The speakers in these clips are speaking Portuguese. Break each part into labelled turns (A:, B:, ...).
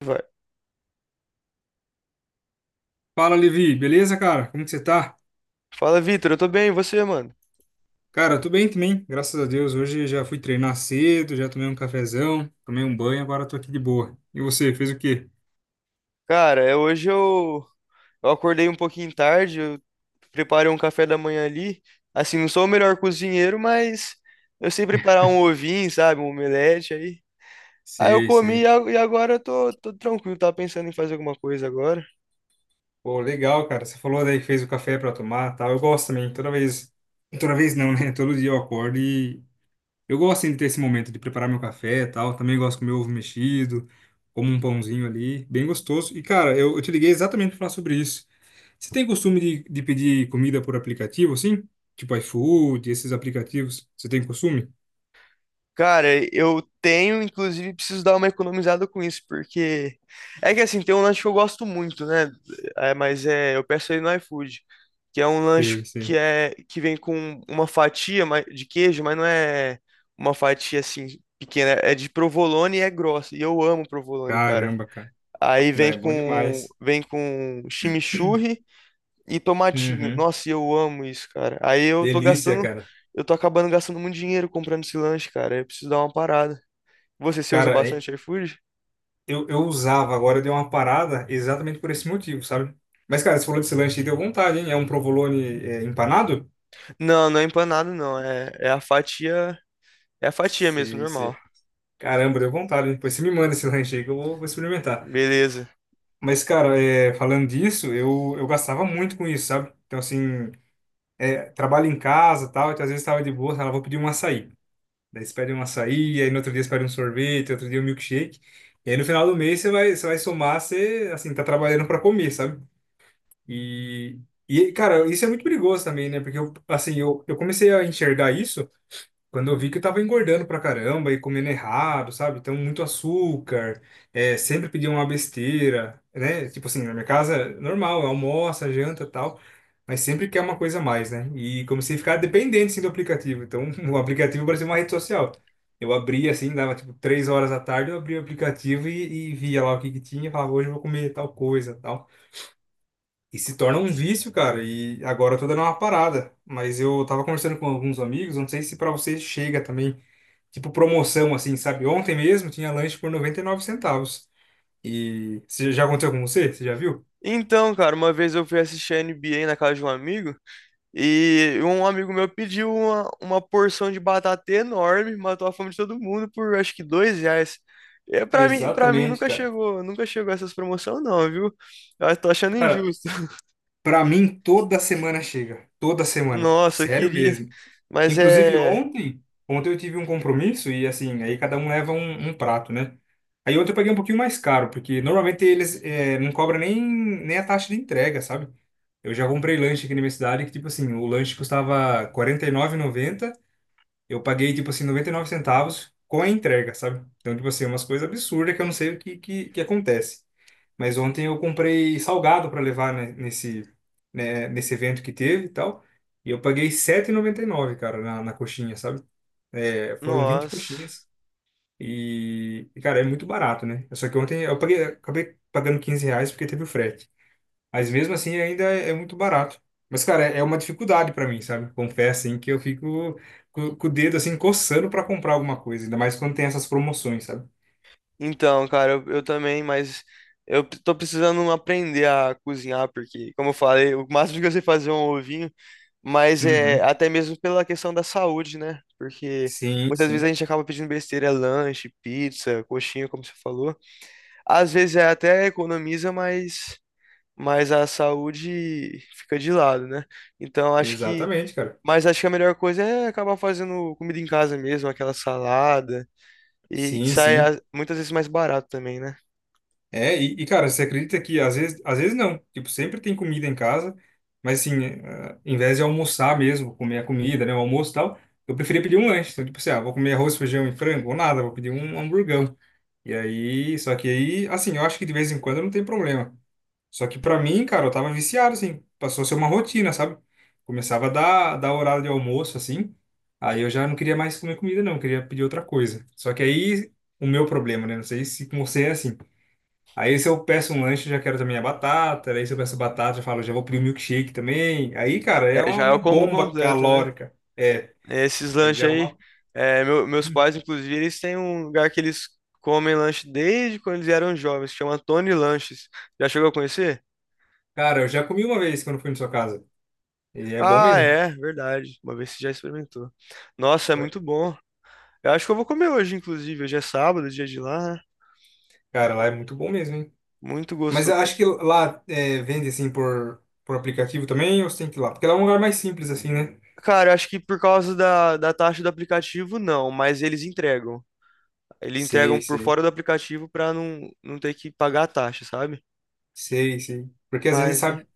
A: Vai.
B: Fala, Levi, beleza, cara? Como que você tá?
A: Fala, Vitor, eu tô bem, e você, mano?
B: Cara, eu tô bem também, graças a Deus. Hoje já fui treinar cedo, já tomei um cafezão, tomei um banho, agora tô aqui de boa. E você, fez o quê?
A: Cara, hoje eu acordei um pouquinho tarde, eu preparei um café da manhã ali. Assim, não sou o melhor cozinheiro, mas eu sei preparar um ovinho, sabe? Um omelete aí. Aí eu
B: Sei,
A: comi
B: sei.
A: e agora eu tô tranquilo, tava pensando em fazer alguma coisa agora.
B: Pô, legal, cara. Você falou daí que fez o café pra tomar, tal. Eu gosto também. Toda vez não, né? Todo dia eu acordo e eu gosto assim, de ter esse momento de preparar meu café e tal. Também gosto com meu ovo mexido, como um pãozinho ali, bem gostoso. E, cara, eu te liguei exatamente para falar sobre isso. Você tem costume de pedir comida por aplicativo, assim? Tipo iFood, esses aplicativos. Você tem costume?
A: Cara, eu tenho, inclusive, preciso dar uma economizada com isso, porque é que assim, tem um lanche que eu gosto muito, né? Eu peço ele no iFood, que é um lanche
B: Sei,
A: que
B: sei.
A: é que vem com uma fatia de queijo, mas não é uma fatia assim pequena, é de provolone e é grossa. E eu amo provolone, cara.
B: Caramba, cara.
A: Aí
B: Não, é bom demais.
A: vem com chimichurri e tomatinho.
B: Uhum.
A: Nossa, e eu amo isso, cara. Aí eu tô
B: Delícia,
A: gastando,
B: cara.
A: eu tô acabando gastando muito dinheiro comprando esse lanche, cara. Eu preciso dar uma parada. Você usa
B: Cara, é-
A: bastante iFood?
B: eu, eu usava, agora deu uma parada exatamente por esse motivo, sabe? Mas, cara, você falou desse lanche e deu vontade, hein? É um provolone é, empanado?
A: Não, não é empanado, não. É a fatia mesmo,
B: Sei, sei.
A: normal.
B: Caramba, deu vontade. Depois você me manda esse lanche aí que eu vou experimentar.
A: Beleza.
B: Mas, cara, falando disso, eu gastava muito com isso, sabe? Então, assim, trabalho em casa e tal, então às vezes tava de boa, ela vou pedir um açaí. Daí você pede um açaí, aí no outro dia você pede um sorvete, outro dia um milkshake. E aí no final do mês você vai somar, você, assim, tá trabalhando para comer, sabe? E, e, cara, isso é muito perigoso também, né? Porque, eu, assim, eu comecei a enxergar isso. Quando eu vi que eu tava engordando pra caramba e comendo errado, sabe? Então, muito açúcar, sempre pedia uma besteira, né? Tipo assim, na minha casa, normal, almoça, janta e tal, mas sempre quer uma coisa a mais, né? E comecei a ficar dependente, assim, do aplicativo. Então, o aplicativo parecia uma rede social. Eu abria, assim, dava, tipo, 3 horas da tarde, eu abria o aplicativo e via lá o que que tinha, e falava, hoje eu vou comer tal coisa, tal. E se torna um vício, cara, e agora eu tô dando uma parada. Mas eu tava conversando com alguns amigos, não sei se pra você chega também tipo promoção, assim, sabe? Ontem mesmo tinha lanche por 99 centavos. E você já aconteceu com você? Você já viu?
A: Então, cara, uma vez eu fui assistir a NBA na casa de um amigo. E um amigo meu pediu uma porção de batata enorme, matou a fome de todo mundo por acho que dois reais. É, pra mim
B: Exatamente,
A: nunca
B: cara.
A: chegou, nunca chegou essas promoções não, viu? Eu tô achando
B: Cara,
A: injusto.
B: pra mim toda semana chega. Toda semana.
A: Nossa, eu
B: Sério
A: queria.
B: mesmo.
A: Mas
B: Inclusive
A: é.
B: ontem eu tive um compromisso e assim, aí cada um leva um prato, né? Aí ontem eu paguei um pouquinho mais caro, porque normalmente eles não cobram nem a taxa de entrega, sabe? Eu já comprei lanche aqui na minha cidade que, tipo assim, o lanche custava R$ 49,90. Eu paguei, tipo assim, 99 centavos com a entrega, sabe? Então, tipo assim, é umas coisas absurdas que eu não sei o que acontece. Mas ontem eu comprei salgado para levar, né, nesse evento que teve e tal. E eu paguei sete e noventa e nove cara, na coxinha, sabe? É, foram 20
A: Nossa.
B: coxinhas. E, cara, é muito barato, né? Só que ontem eu paguei, acabei pagando 15 reais porque teve o frete. Mas mesmo assim ainda é muito barato. Mas, cara, é uma dificuldade pra mim, sabe? Confesso, assim, que eu fico com o dedo, assim, coçando pra comprar alguma coisa. Ainda mais quando tem essas promoções, sabe?
A: Então, cara, eu também, mas tô precisando aprender a cozinhar, porque, como eu falei, o máximo que eu sei fazer é um ovinho. Mas é
B: Uhum.
A: até mesmo pela questão da saúde, né? Porque
B: Sim,
A: muitas vezes a
B: sim.
A: gente acaba pedindo besteira, lanche, pizza, coxinha, como você falou. Às vezes é até economiza, mas a saúde fica de lado, né? Então acho que.
B: Exatamente, cara.
A: Mas acho que a melhor coisa é acabar fazendo comida em casa mesmo, aquela salada. E que
B: Sim,
A: sai
B: sim.
A: muitas vezes mais barato também, né?
B: É, e, cara, você acredita que às vezes não. Tipo, sempre tem comida em casa, mas assim, em vez de almoçar mesmo, comer a comida, né, o almoço e tal, eu preferia pedir um lanche. Então, tipo assim, ah, vou comer arroz, feijão e frango, ou nada, vou pedir um hamburgão. E aí, só que aí, assim, eu acho que de vez em quando não tem problema. Só que pra mim, cara, eu tava viciado, assim, passou a ser uma rotina, sabe? Começava a dar horário de almoço, assim, aí eu já não queria mais comer comida, não, eu queria pedir outra coisa. Só que aí, o meu problema, né? Não sei se com você é assim. Aí se eu peço um lanche, eu já quero também a batata, aí se eu peço batata, eu falo, já vou pedir um milkshake também. Aí, cara, é
A: É,
B: uma,
A: já é o
B: uma
A: combo
B: bomba
A: completo, né?
B: calórica. É,
A: Esses
B: aí
A: lanches
B: já é
A: aí,
B: uma.
A: é, meus pais, inclusive, eles têm um lugar que eles comem lanche desde quando eles eram jovens, que chama Tony Lanches. Já chegou a conhecer?
B: Cara, eu já comi uma vez quando fui na sua casa, e é bom
A: Ah,
B: mesmo.
A: é, verdade. Uma vez você já experimentou. Nossa, é muito bom. Eu acho que eu vou comer hoje, inclusive. Hoje é sábado, dia de lá, né?
B: Cara, lá é muito bom mesmo, hein?
A: Muito
B: Mas eu
A: gostoso.
B: acho que lá vende assim por aplicativo também, ou você tem que ir lá? Porque lá é um lugar mais simples, assim, né?
A: Cara, eu acho que por causa da, da taxa do aplicativo, não, mas eles entregam. Eles
B: Sei,
A: entregam por
B: sei,
A: fora do aplicativo pra não, não ter que pagar a taxa, sabe?
B: sei, sei. Porque às vezes,
A: Mas, é.
B: sabe,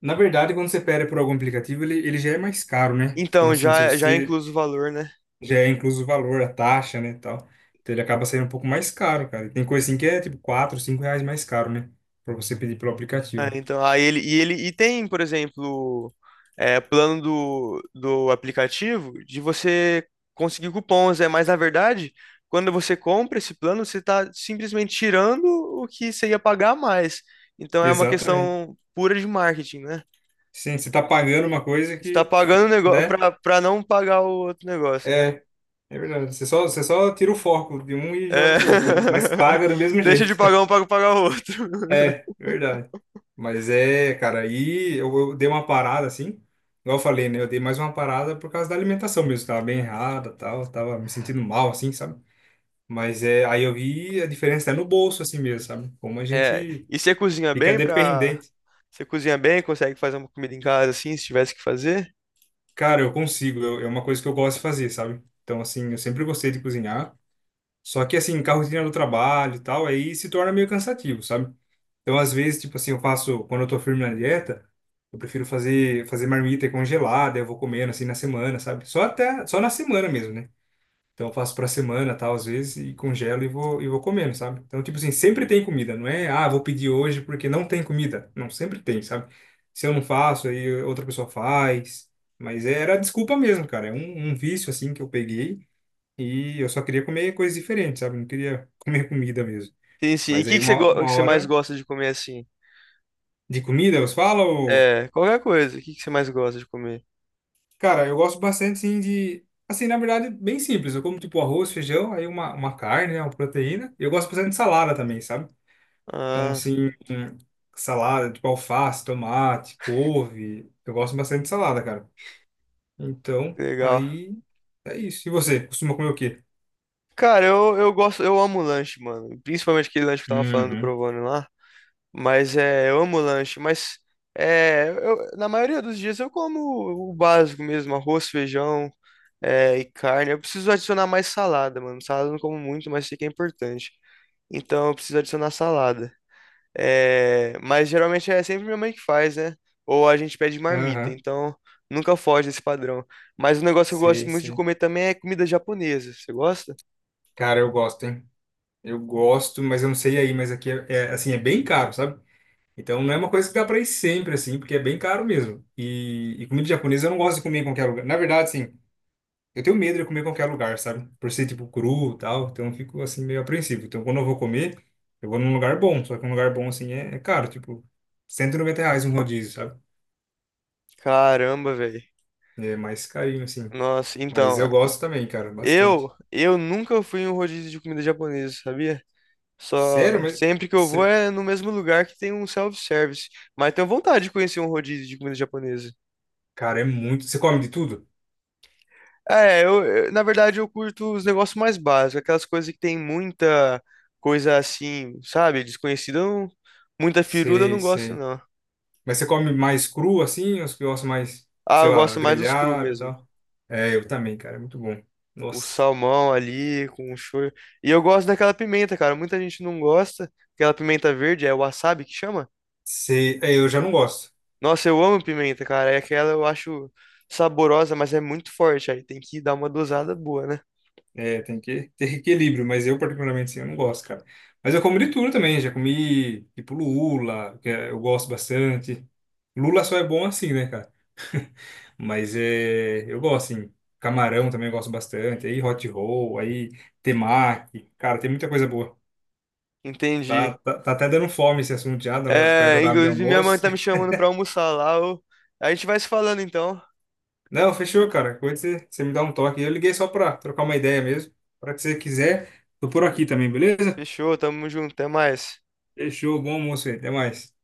B: na verdade, quando você pede por algum aplicativo, ele já é mais caro, né? Então,
A: Então,
B: assim, se
A: já, já é
B: você
A: incluso o valor, né?
B: já é incluso o valor, a taxa, né, e tal, então ele acaba saindo um pouco mais caro, cara. E tem coisa assim que é tipo 4 5 reais mais caro, né? Pra você pedir pelo
A: É,
B: aplicativo.
A: então, aí ele e ele e tem, por exemplo, é, plano do aplicativo de você conseguir cupons, é, mas na verdade, quando você compra esse plano, você está simplesmente tirando o que você ia pagar a mais. Então é uma
B: Exatamente.
A: questão pura de marketing, né?
B: Sim, você tá pagando uma coisa
A: Você está
B: que,
A: pagando o negócio
B: né?
A: para não pagar o outro negócio, né?
B: É. É verdade. Você só tira o foco de um e joga
A: É.
B: pro outro, né? Mas paga do mesmo
A: Deixa de
B: jeito.
A: pagar um para pagar o outro.
B: É, verdade. Mas é, cara, aí eu dei uma parada assim. Igual eu falei, né? Eu dei mais uma parada por causa da alimentação mesmo. Tava bem errada, tal. Tava me sentindo mal, assim, sabe? Mas é, aí eu vi a diferença é no bolso, assim mesmo, sabe? Como a
A: É,
B: gente
A: e você cozinha
B: fica
A: bem para
B: dependente.
A: você cozinha bem, consegue fazer uma comida em casa assim, se tivesse que fazer?
B: Cara, eu consigo. É uma coisa que eu gosto de fazer, sabe? Então, assim, eu sempre gostei de cozinhar. Só que, assim, com a rotina do trabalho e tal, aí se torna meio cansativo, sabe? Então, às vezes, tipo assim, eu faço, quando eu tô firme na dieta, eu prefiro fazer marmita congelada, eu vou comendo assim na semana, sabe? Só até, só na semana mesmo, né? Então, eu faço pra semana, tal, às vezes, e congelo e e vou comendo, sabe? Então, tipo assim, sempre tem comida, não é, ah, vou pedir hoje porque não tem comida. Não, sempre tem, sabe? Se eu não faço, aí outra pessoa faz. Mas era desculpa mesmo, cara. É um vício, assim, que eu peguei e eu só queria comer coisas diferentes, sabe? Não queria comer comida mesmo.
A: Sim, sim. E o
B: Mas aí
A: que que você,
B: uma,
A: que
B: uma
A: você mais
B: hora
A: gosta de comer assim?
B: de comida, você fala? Ou...
A: É, qualquer coisa. O que que você mais gosta de comer?
B: Cara, eu gosto bastante, sim, de... Assim, na verdade, bem simples. Eu como, tipo, arroz, feijão, aí uma carne, né, uma proteína. Eu gosto bastante de salada também, sabe? Então,
A: Ah,
B: assim, salada, tipo, alface, tomate, couve. Eu gosto bastante de salada, cara. Então,
A: legal.
B: aí é isso. E você, costuma comer o quê?
A: Cara, eu gosto, eu amo lanche, mano. Principalmente aquele lanche que eu tava falando do
B: Uhum.
A: Provone lá. Mas é, eu amo lanche, mas é, na maioria dos dias eu como o básico mesmo, arroz, feijão, é, e carne. Eu preciso adicionar mais salada, mano. Salada eu não como muito, mas sei que é importante. Então eu preciso adicionar salada. É, mas geralmente é sempre minha mãe que faz, né? Ou a gente pede marmita,
B: Aham.
A: então nunca foge desse padrão. Mas um negócio que eu
B: Sei,
A: gosto muito de
B: sei.
A: comer também é comida japonesa. Você gosta?
B: Cara, eu gosto, hein? Eu gosto, mas eu não sei aí, mas aqui é, assim, é bem caro, sabe? Então não é uma coisa que dá para ir sempre, assim, porque é bem caro mesmo. E comida japonesa eu não gosto de comer em qualquer lugar. Na verdade, assim, eu tenho medo de comer em qualquer lugar, sabe? Por ser, tipo, cru e tal, então eu fico, assim, meio apreensivo. Então quando eu vou comer, eu vou num lugar bom, só que um lugar bom, assim, é caro, tipo, 190 reais um rodízio, sabe?
A: Caramba, velho.
B: É mais carinho, assim.
A: Nossa,
B: Mas
A: então,
B: eu gosto também, cara,
A: eu
B: bastante.
A: eu nunca fui em um rodízio de comida japonesa, sabia?
B: Sério,
A: Só
B: mas...
A: sempre que eu vou
B: Você...
A: é no mesmo lugar que tem um self-service. Mas tenho vontade de conhecer um rodízio de comida japonesa.
B: Cara, é muito... Você come de tudo?
A: É, na verdade eu curto os negócios mais básicos, aquelas coisas que tem muita coisa assim, sabe, desconhecida, eu não- muita firula eu
B: Sei,
A: não gosto
B: sei.
A: não.
B: Mas você come mais cru assim, ou você gosta mais,
A: Ah,
B: sei
A: eu
B: lá,
A: gosto mais dos cru
B: grelhado e
A: mesmo.
B: tal? É, eu também, cara, é muito bom.
A: O
B: Nossa,
A: salmão ali com o shoyu. E eu gosto daquela pimenta, cara. Muita gente não gosta. Aquela pimenta verde, é o wasabi que chama?
B: eu já não gosto.
A: Nossa, eu amo pimenta, cara. É aquela eu acho saborosa, mas é muito forte. Aí tem que dar uma dosada boa, né?
B: É, tem que ter equilíbrio, mas eu particularmente sim, eu não gosto, cara. Mas eu como de tudo também, já comi tipo lula, eu gosto bastante. Lula só é bom assim, né, cara? Mas é, eu gosto, assim. Camarão também eu gosto bastante. Aí hot roll, aí temaki. Cara, tem muita coisa boa. Tá,
A: Entendi.
B: tá, tá até dando fome esse assunto já, tá perto do
A: É,
B: horário de
A: inclusive minha mãe
B: almoço.
A: tá me chamando pra almoçar lá. Ô. A gente vai se falando então.
B: Não, fechou, cara. Quando você me dá um toque. Eu liguei só pra trocar uma ideia mesmo. Para que você quiser, tô por aqui também, beleza?
A: Fechou, tamo junto, até mais.
B: Fechou, bom almoço aí. Até mais.